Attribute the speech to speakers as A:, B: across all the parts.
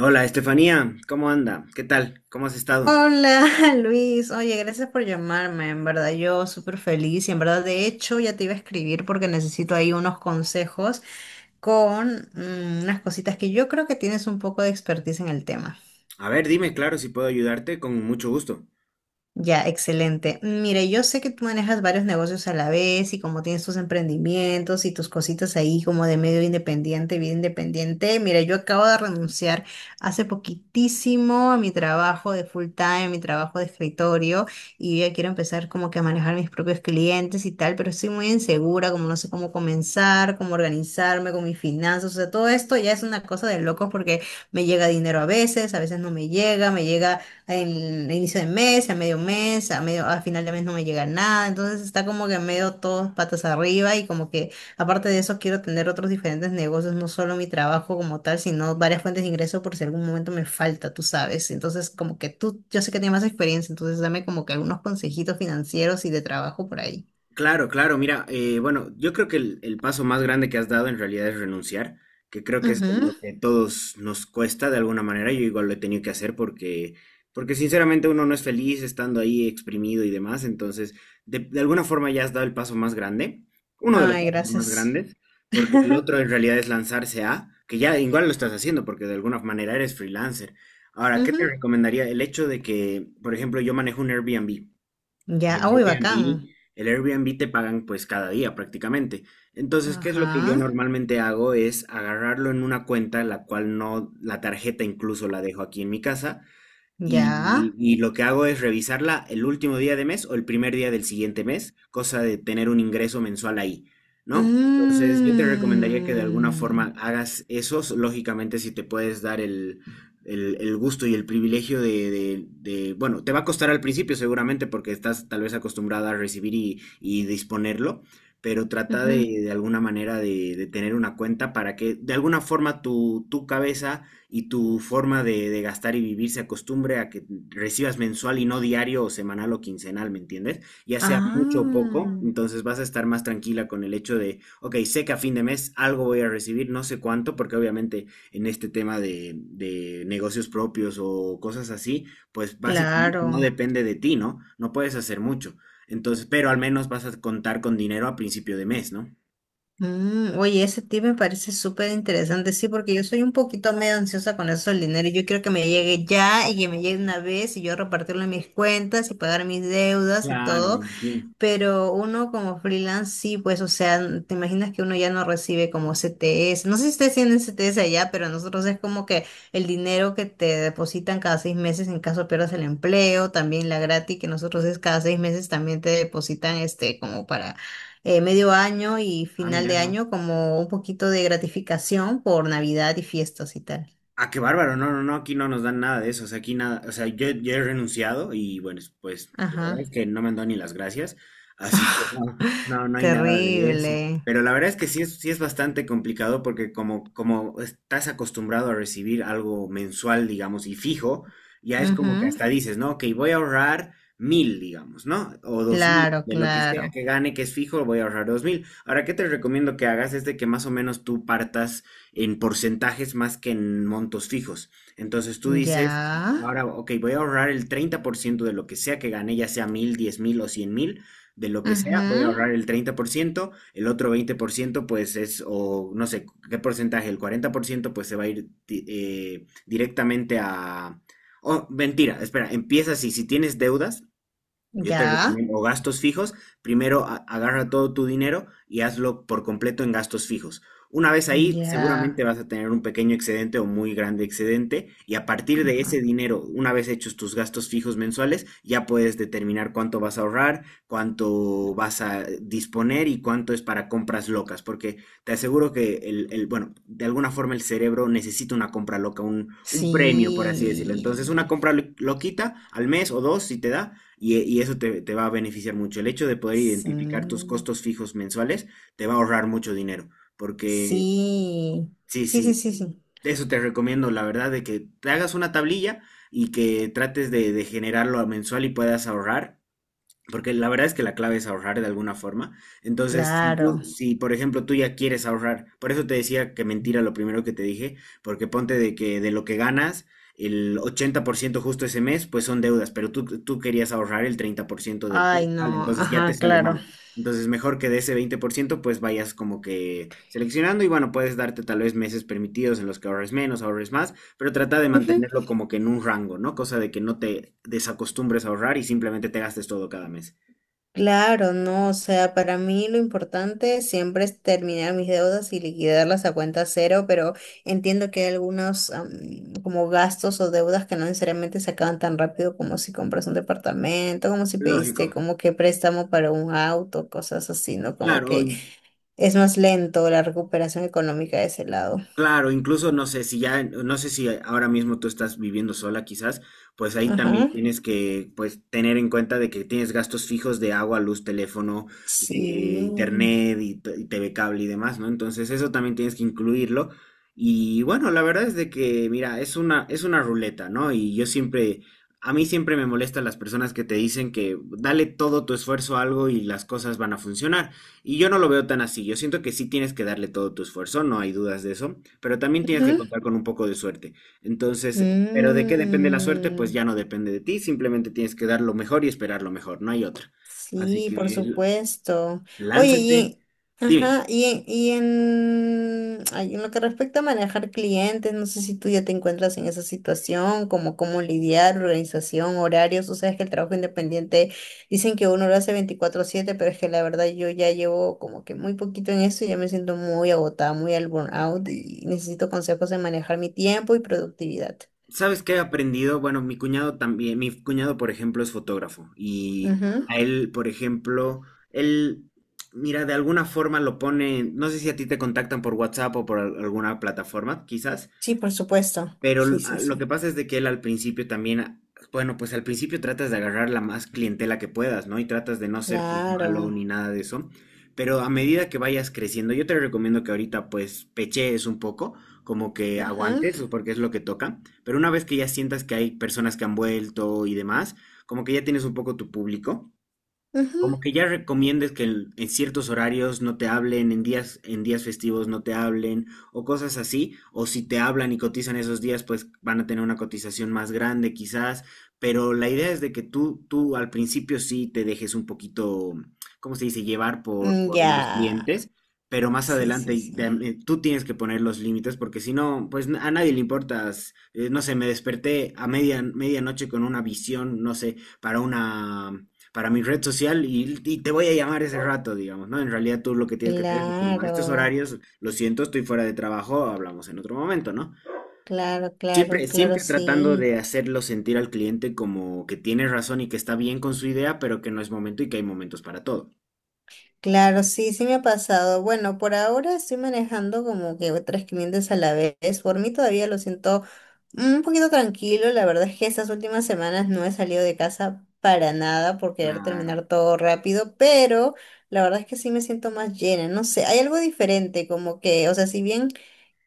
A: Hola, Estefanía, ¿cómo anda? ¿Qué tal? ¿Cómo has estado?
B: Hola Luis, oye, gracias por llamarme, en verdad yo súper feliz y en verdad de hecho ya te iba a escribir porque necesito ahí unos consejos con unas cositas que yo creo que tienes un poco de expertise en el tema.
A: A ver, dime, claro, si puedo ayudarte, con mucho gusto.
B: Ya, excelente. Mire, yo sé que tú manejas varios negocios a la vez y como tienes tus emprendimientos y tus cositas ahí como de medio independiente, vida independiente. Mira, yo acabo de renunciar hace poquitísimo a mi trabajo de full time, mi trabajo de escritorio y ya quiero empezar como que a manejar mis propios clientes y tal, pero estoy muy insegura, como no sé cómo comenzar, cómo organizarme con mis finanzas, o sea, todo esto ya es una cosa de locos porque me llega dinero a veces no me llega, me llega el inicio de mes, a medio mes, a final de mes no me llega nada, entonces está como que medio todos patas arriba y como que aparte de eso quiero tener otros diferentes negocios, no solo mi trabajo como tal, sino varias fuentes de ingreso por si algún momento me falta, tú sabes. Entonces como que tú, yo sé que tienes más experiencia, entonces dame como que algunos consejitos financieros y de trabajo por ahí.
A: Claro, claro, mira, bueno, yo creo que el paso más grande que has dado en realidad es renunciar, que creo que es
B: Ujú.
A: lo que todos nos cuesta de alguna manera, yo igual lo he tenido que hacer porque, porque sinceramente uno no es feliz estando ahí exprimido y demás, entonces de alguna forma ya has dado el paso más grande, uno de los
B: Ay,
A: pasos más
B: gracias.
A: grandes, porque el otro en realidad es lanzarse a, que ya igual lo estás haciendo porque de alguna manera eres freelancer. Ahora, ¿qué
B: Ujú.
A: te recomendaría? El hecho de que, por ejemplo, yo manejo un Airbnb.
B: Ya,
A: Y el
B: ah, uy, bacán.
A: Airbnb, el Airbnb te pagan pues cada día prácticamente. Entonces, ¿qué es lo que yo
B: Ajá,
A: normalmente hago? Es agarrarlo en una cuenta, la cual no, la tarjeta incluso la dejo aquí en mi casa,
B: ya.
A: y lo que hago es revisarla el último día de mes o el primer día del siguiente mes, cosa de tener un ingreso mensual ahí, ¿no? Entonces, yo te recomendaría que de alguna
B: Mm.
A: forma hagas eso, lógicamente si te puedes dar el gusto y el privilegio de, bueno, te va a costar al principio seguramente porque estás tal vez acostumbrada a recibir y disponerlo, pero trata
B: Ujú.
A: de alguna manera de tener una cuenta para que de alguna forma tu cabeza y tu forma de gastar y vivir se acostumbre a que recibas mensual y no diario o semanal o quincenal, ¿me entiendes? Ya sea mucho o
B: Ah,
A: poco, entonces vas a estar más tranquila con el hecho de, ok, sé que a fin de mes algo voy a recibir, no sé cuánto, porque obviamente en este tema de negocios propios o cosas así, pues básicamente no
B: claro.
A: depende de ti, ¿no? No puedes hacer mucho. Entonces, pero al menos vas a contar con dinero a principio de mes, ¿no?
B: Oye, ese tip me parece súper interesante, sí, porque yo soy un poquito medio ansiosa con eso del dinero, y yo quiero que me llegue ya y que me llegue una vez y yo repartirlo en mis cuentas y pagar mis deudas y
A: Claro, me
B: todo.
A: imagino.
B: Pero uno como freelance sí, pues, o sea, te imaginas que uno ya no recibe como CTS. No sé si ustedes tienen CTS allá, pero nosotros es como que el dinero que te depositan cada 6 meses en caso pierdas el empleo, también la gratis que nosotros es cada 6 meses también te depositan este como para medio año y
A: Ah,
B: final
A: mira,
B: de
A: no.
B: año como un poquito de gratificación por Navidad y fiestas y tal.
A: Ah, qué bárbaro, no, no, no, aquí no nos dan nada de eso, o sea, aquí nada, o sea, yo he renunciado y bueno, pues la verdad es
B: Ajá.
A: que no me han dado ni las gracias, así que no, no, no hay nada de eso.
B: Terrible.
A: Pero la verdad es que sí es bastante complicado porque como, como estás acostumbrado a recibir algo mensual, digamos, y fijo, ya es como que
B: Ujú.
A: hasta dices, ¿no? Ok, voy a ahorrar mil, digamos, ¿no? O dos mil,
B: Claro,
A: de lo que sea
B: claro.
A: que gane, que es fijo, voy a ahorrar dos mil. Ahora, ¿qué te recomiendo que hagas? Es de que más o menos tú partas en porcentajes más que en montos fijos. Entonces tú
B: Ya.
A: dices, ahora, ok, voy a ahorrar el 30% de lo que sea que gane, ya sea mil, diez mil o cien mil, de lo que sea, voy a
B: Ujú,
A: ahorrar el 30% el otro 20% pues es, o no sé, qué porcentaje, el 40% pues se va a ir directamente a... Oh, mentira, espera, empieza así, si tienes deudas, yo te
B: ya,
A: recomiendo gastos fijos. Primero agarra todo tu dinero y hazlo por completo en gastos fijos. Una vez ahí,
B: ya.
A: seguramente vas a tener un pequeño excedente o muy grande excedente y a partir de
B: Ajá.
A: ese dinero, una vez hechos tus gastos fijos mensuales, ya puedes determinar cuánto vas a ahorrar, cuánto vas a disponer y cuánto es para compras locas, porque te aseguro que bueno, de alguna forma el cerebro necesita una compra loca, un premio, por así decirlo. Entonces, una
B: Sí,
A: compra loquita al mes o dos, si te da y eso te va a beneficiar mucho. El hecho de poder identificar tus
B: sí,
A: costos fijos mensuales te va a ahorrar mucho dinero. Porque,
B: sí,
A: sí,
B: sí, sí,
A: sí,
B: sí, sí,
A: eso te recomiendo, la verdad, de que te hagas una tablilla y que trates de generarlo a mensual y puedas ahorrar. Porque la verdad es que la clave es ahorrar de alguna forma. Entonces,
B: claro.
A: si, por ejemplo tú ya quieres ahorrar, por eso te decía que mentira lo primero que te dije, porque ponte de que de lo que ganas, el 80% justo ese mes, pues son deudas, pero tú querías ahorrar el 30% del
B: Ay,
A: total,
B: no,
A: entonces ya te
B: ajá,
A: sale mal.
B: claro.
A: Entonces, mejor que de ese 20%, pues vayas como que seleccionando y bueno, puedes darte tal vez meses permitidos en los que ahorres menos, ahorres más. Pero trata de mantenerlo como que en un rango, ¿no? Cosa de que no te desacostumbres a ahorrar y simplemente te gastes todo cada mes.
B: Claro, no, o sea, para mí lo importante siempre es terminar mis deudas y liquidarlas a cuenta cero, pero entiendo que hay algunos como gastos o deudas que no necesariamente se acaban tan rápido como si compras un departamento, como si pediste
A: Lógico.
B: como que préstamo para un auto, cosas así, ¿no? Como
A: Claro,
B: que es más lento la recuperación económica de ese lado.
A: Claro, incluso no sé si ya, no sé si ahora mismo tú estás viviendo sola quizás, pues ahí también
B: Ajá.
A: tienes que pues tener en cuenta de que tienes gastos fijos de agua, luz, teléfono, de
B: Sí.
A: internet y, y TV cable y demás, ¿no? Entonces eso también tienes que incluirlo. Y bueno, la verdad es de que, mira, es una ruleta, ¿no? Y yo siempre, a mí siempre me molestan las personas que te dicen que dale todo tu esfuerzo a algo y las cosas van a funcionar. Y yo no lo veo tan así. Yo siento que sí tienes que darle todo tu esfuerzo, no hay dudas de eso, pero también tienes que
B: Ajá.
A: contar con un poco de suerte. Entonces, pero ¿de qué depende la suerte? Pues
B: Mm.
A: ya no depende de ti, simplemente tienes que dar lo mejor y esperar lo mejor, no hay otra. Así
B: Sí,
A: que
B: por
A: l-
B: supuesto. Oye,
A: lánzate. Dime,
B: ajá, en lo que respecta a manejar clientes, no sé si tú ya te encuentras en esa situación, como cómo lidiar, organización, horarios, tú sabes que el trabajo independiente dicen que uno lo hace 24/7, pero es que la verdad yo ya llevo como que muy poquito en eso y ya me siento muy agotada, muy al burnout y necesito consejos de manejar mi tiempo y productividad.
A: ¿sabes qué he aprendido? Bueno, mi cuñado también, mi cuñado, por ejemplo, es fotógrafo y
B: Ujú.
A: a él, por ejemplo, él, mira, de alguna forma lo pone, no sé si a ti te contactan por WhatsApp o por alguna plataforma, quizás.
B: Sí, por supuesto.
A: Pero
B: Sí, sí,
A: lo que
B: sí.
A: pasa es de que él al principio también, bueno, pues al principio tratas de agarrar la más clientela que puedas, ¿no? Y tratas de no ser pues malo
B: Claro.
A: ni nada de eso. Pero a medida que vayas creciendo, yo te recomiendo que ahorita pues pechees un poco, como que
B: Ajá.
A: aguantes, porque es lo que toca. Pero una vez que ya sientas que hay personas que han vuelto y demás, como que ya tienes un poco tu público,
B: Ujú.
A: como que ya recomiendes que en ciertos horarios no te hablen, en días festivos no te hablen, o cosas así, o si te hablan y cotizan esos días, pues van a tener una cotización más grande quizás, pero la idea es de que tú al principio sí te dejes un poquito, ¿cómo se dice?, llevar
B: Mm,
A: por los
B: ya,
A: clientes, pero más
B: sí,
A: adelante
B: sí, sí.
A: y tú tienes que poner los límites, porque si no, pues a nadie le importas, no sé, me desperté a media, medianoche con una visión, no sé, para una para mi red social y te voy a llamar ese rato, digamos, ¿no? En realidad tú lo que tienes que hacer es decir, no, a estos
B: Claro,
A: horarios, lo siento, estoy fuera de trabajo, hablamos en otro momento, ¿no?
B: claro, claro,
A: Siempre,
B: claro,
A: siempre tratando
B: sí.
A: de hacerlo sentir al cliente como que tiene razón y que está bien con su idea, pero que no es momento y que hay momentos para todo.
B: Claro, sí, sí me ha pasado. Bueno, por ahora estoy manejando como que otras clientes a la vez. Por mí todavía lo siento un poquito tranquilo. La verdad es que estas últimas semanas no he salido de casa para nada por querer
A: Claro,
B: terminar todo rápido, pero la verdad es que sí me siento más llena. No sé, hay algo diferente, como que, o sea, si bien.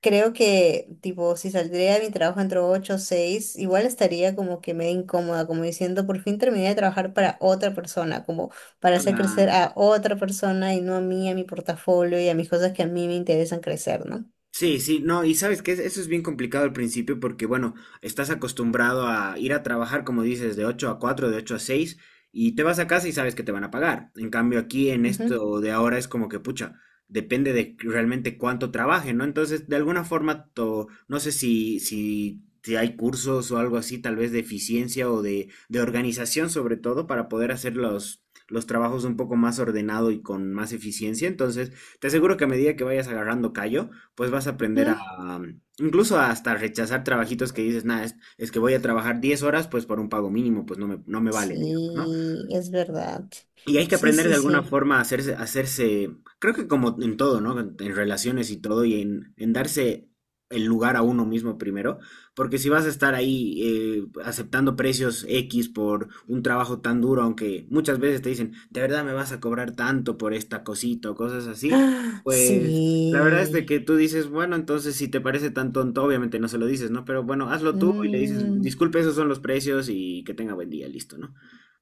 B: Creo que, tipo, si saldría de mi trabajo entre 8 o 6, igual estaría como que medio incómoda, como diciendo, por fin terminé de trabajar para otra persona, como para hacer crecer
A: claro.
B: a otra persona y no a mí, a mi portafolio y a mis cosas que a mí me interesan crecer, ¿no?
A: Sí, sí, no, y sabes que eso es bien complicado al principio porque, bueno, estás acostumbrado a ir a trabajar, como dices, de 8 a 4 de 8 a 6 y te vas a casa y sabes que te van a pagar. En cambio, aquí en
B: Ujú,
A: esto de ahora es como que, pucha, depende de realmente cuánto trabaje, ¿no? Entonces, de alguna forma, no sé si hay cursos o algo así, tal vez de eficiencia o de organización, sobre todo, para poder hacer los trabajos un poco más ordenado y con más eficiencia. Entonces, te aseguro que a medida que vayas agarrando callo, pues vas a aprender a,
B: ujú.
A: incluso hasta rechazar trabajitos que dices, nada, es que voy a trabajar 10 horas, pues por un pago mínimo, pues no me vale, digamos, ¿no?
B: Sí, es verdad.
A: Y hay que
B: Sí,
A: aprender de
B: sí,
A: alguna
B: sí.
A: forma a hacerse, creo que como en todo, ¿no? En relaciones y todo, y en darse el lugar a uno mismo primero, porque si vas a estar ahí aceptando precios X por un trabajo tan duro, aunque muchas veces te dicen, de verdad me vas a cobrar tanto por esta cosita o cosas así,
B: Ah,
A: pues la verdad es de
B: sí.
A: que tú dices, bueno, entonces si te parece tan tonto, obviamente no se lo dices, ¿no? Pero bueno, hazlo tú y le dices,
B: Mm,
A: disculpe, esos son los precios y que tenga buen día, listo, ¿no?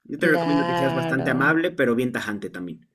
A: Yo te recomiendo que seas bastante
B: claro.
A: amable, pero bien tajante también.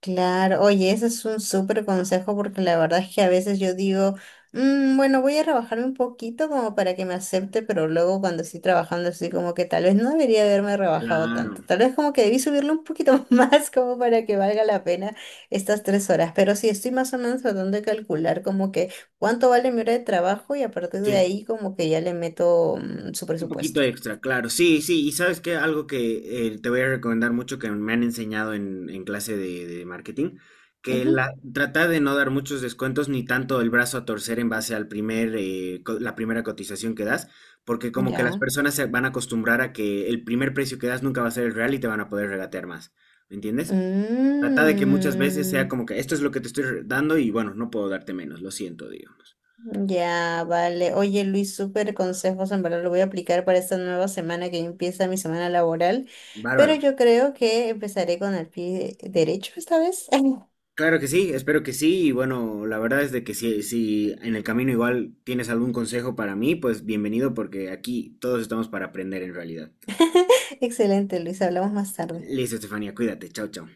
B: Claro, oye, ese es un súper consejo porque la verdad es que a veces yo digo, "Mm, bueno, voy a rebajarme un poquito como para que me acepte, pero luego cuando estoy trabajando estoy como que tal vez no debería haberme rebajado
A: Claro,
B: tanto, tal vez como que debí subirle un poquito más como para que valga la pena estas 3 horas, pero sí estoy más o menos tratando de calcular como que cuánto vale mi hora de trabajo y a partir de
A: sí.
B: ahí como que ya le meto su
A: Un poquito
B: presupuesto.
A: extra, claro. Sí, sí. Y sabes que algo que te voy a recomendar mucho que me han enseñado en clase de marketing, que
B: Ujú,
A: la, trata de no dar muchos descuentos ni tanto el brazo a torcer en base al primer, la primera cotización que das, porque como que las
B: ya.
A: personas se van a acostumbrar a que el primer precio que das nunca va a ser el real y te van a poder regatear más. ¿Me entiendes? Trata de que muchas veces sea
B: Mm.
A: como que esto es lo que te estoy dando y bueno, no puedo darte menos, lo siento, digamos.
B: Ya, vale. Oye, Luis, súper consejos, en verdad lo voy a aplicar para esta nueva semana que empieza mi semana laboral, pero
A: Bárbaro.
B: yo creo que empezaré con el pie derecho esta vez.
A: Claro que sí, espero que sí y bueno, la verdad es de que si, si en el camino igual tienes algún consejo para mí, pues bienvenido porque aquí todos estamos para aprender en realidad.
B: Excelente, Luis, hablamos más tarde.
A: Listo, Estefanía, cuídate, chao, chao.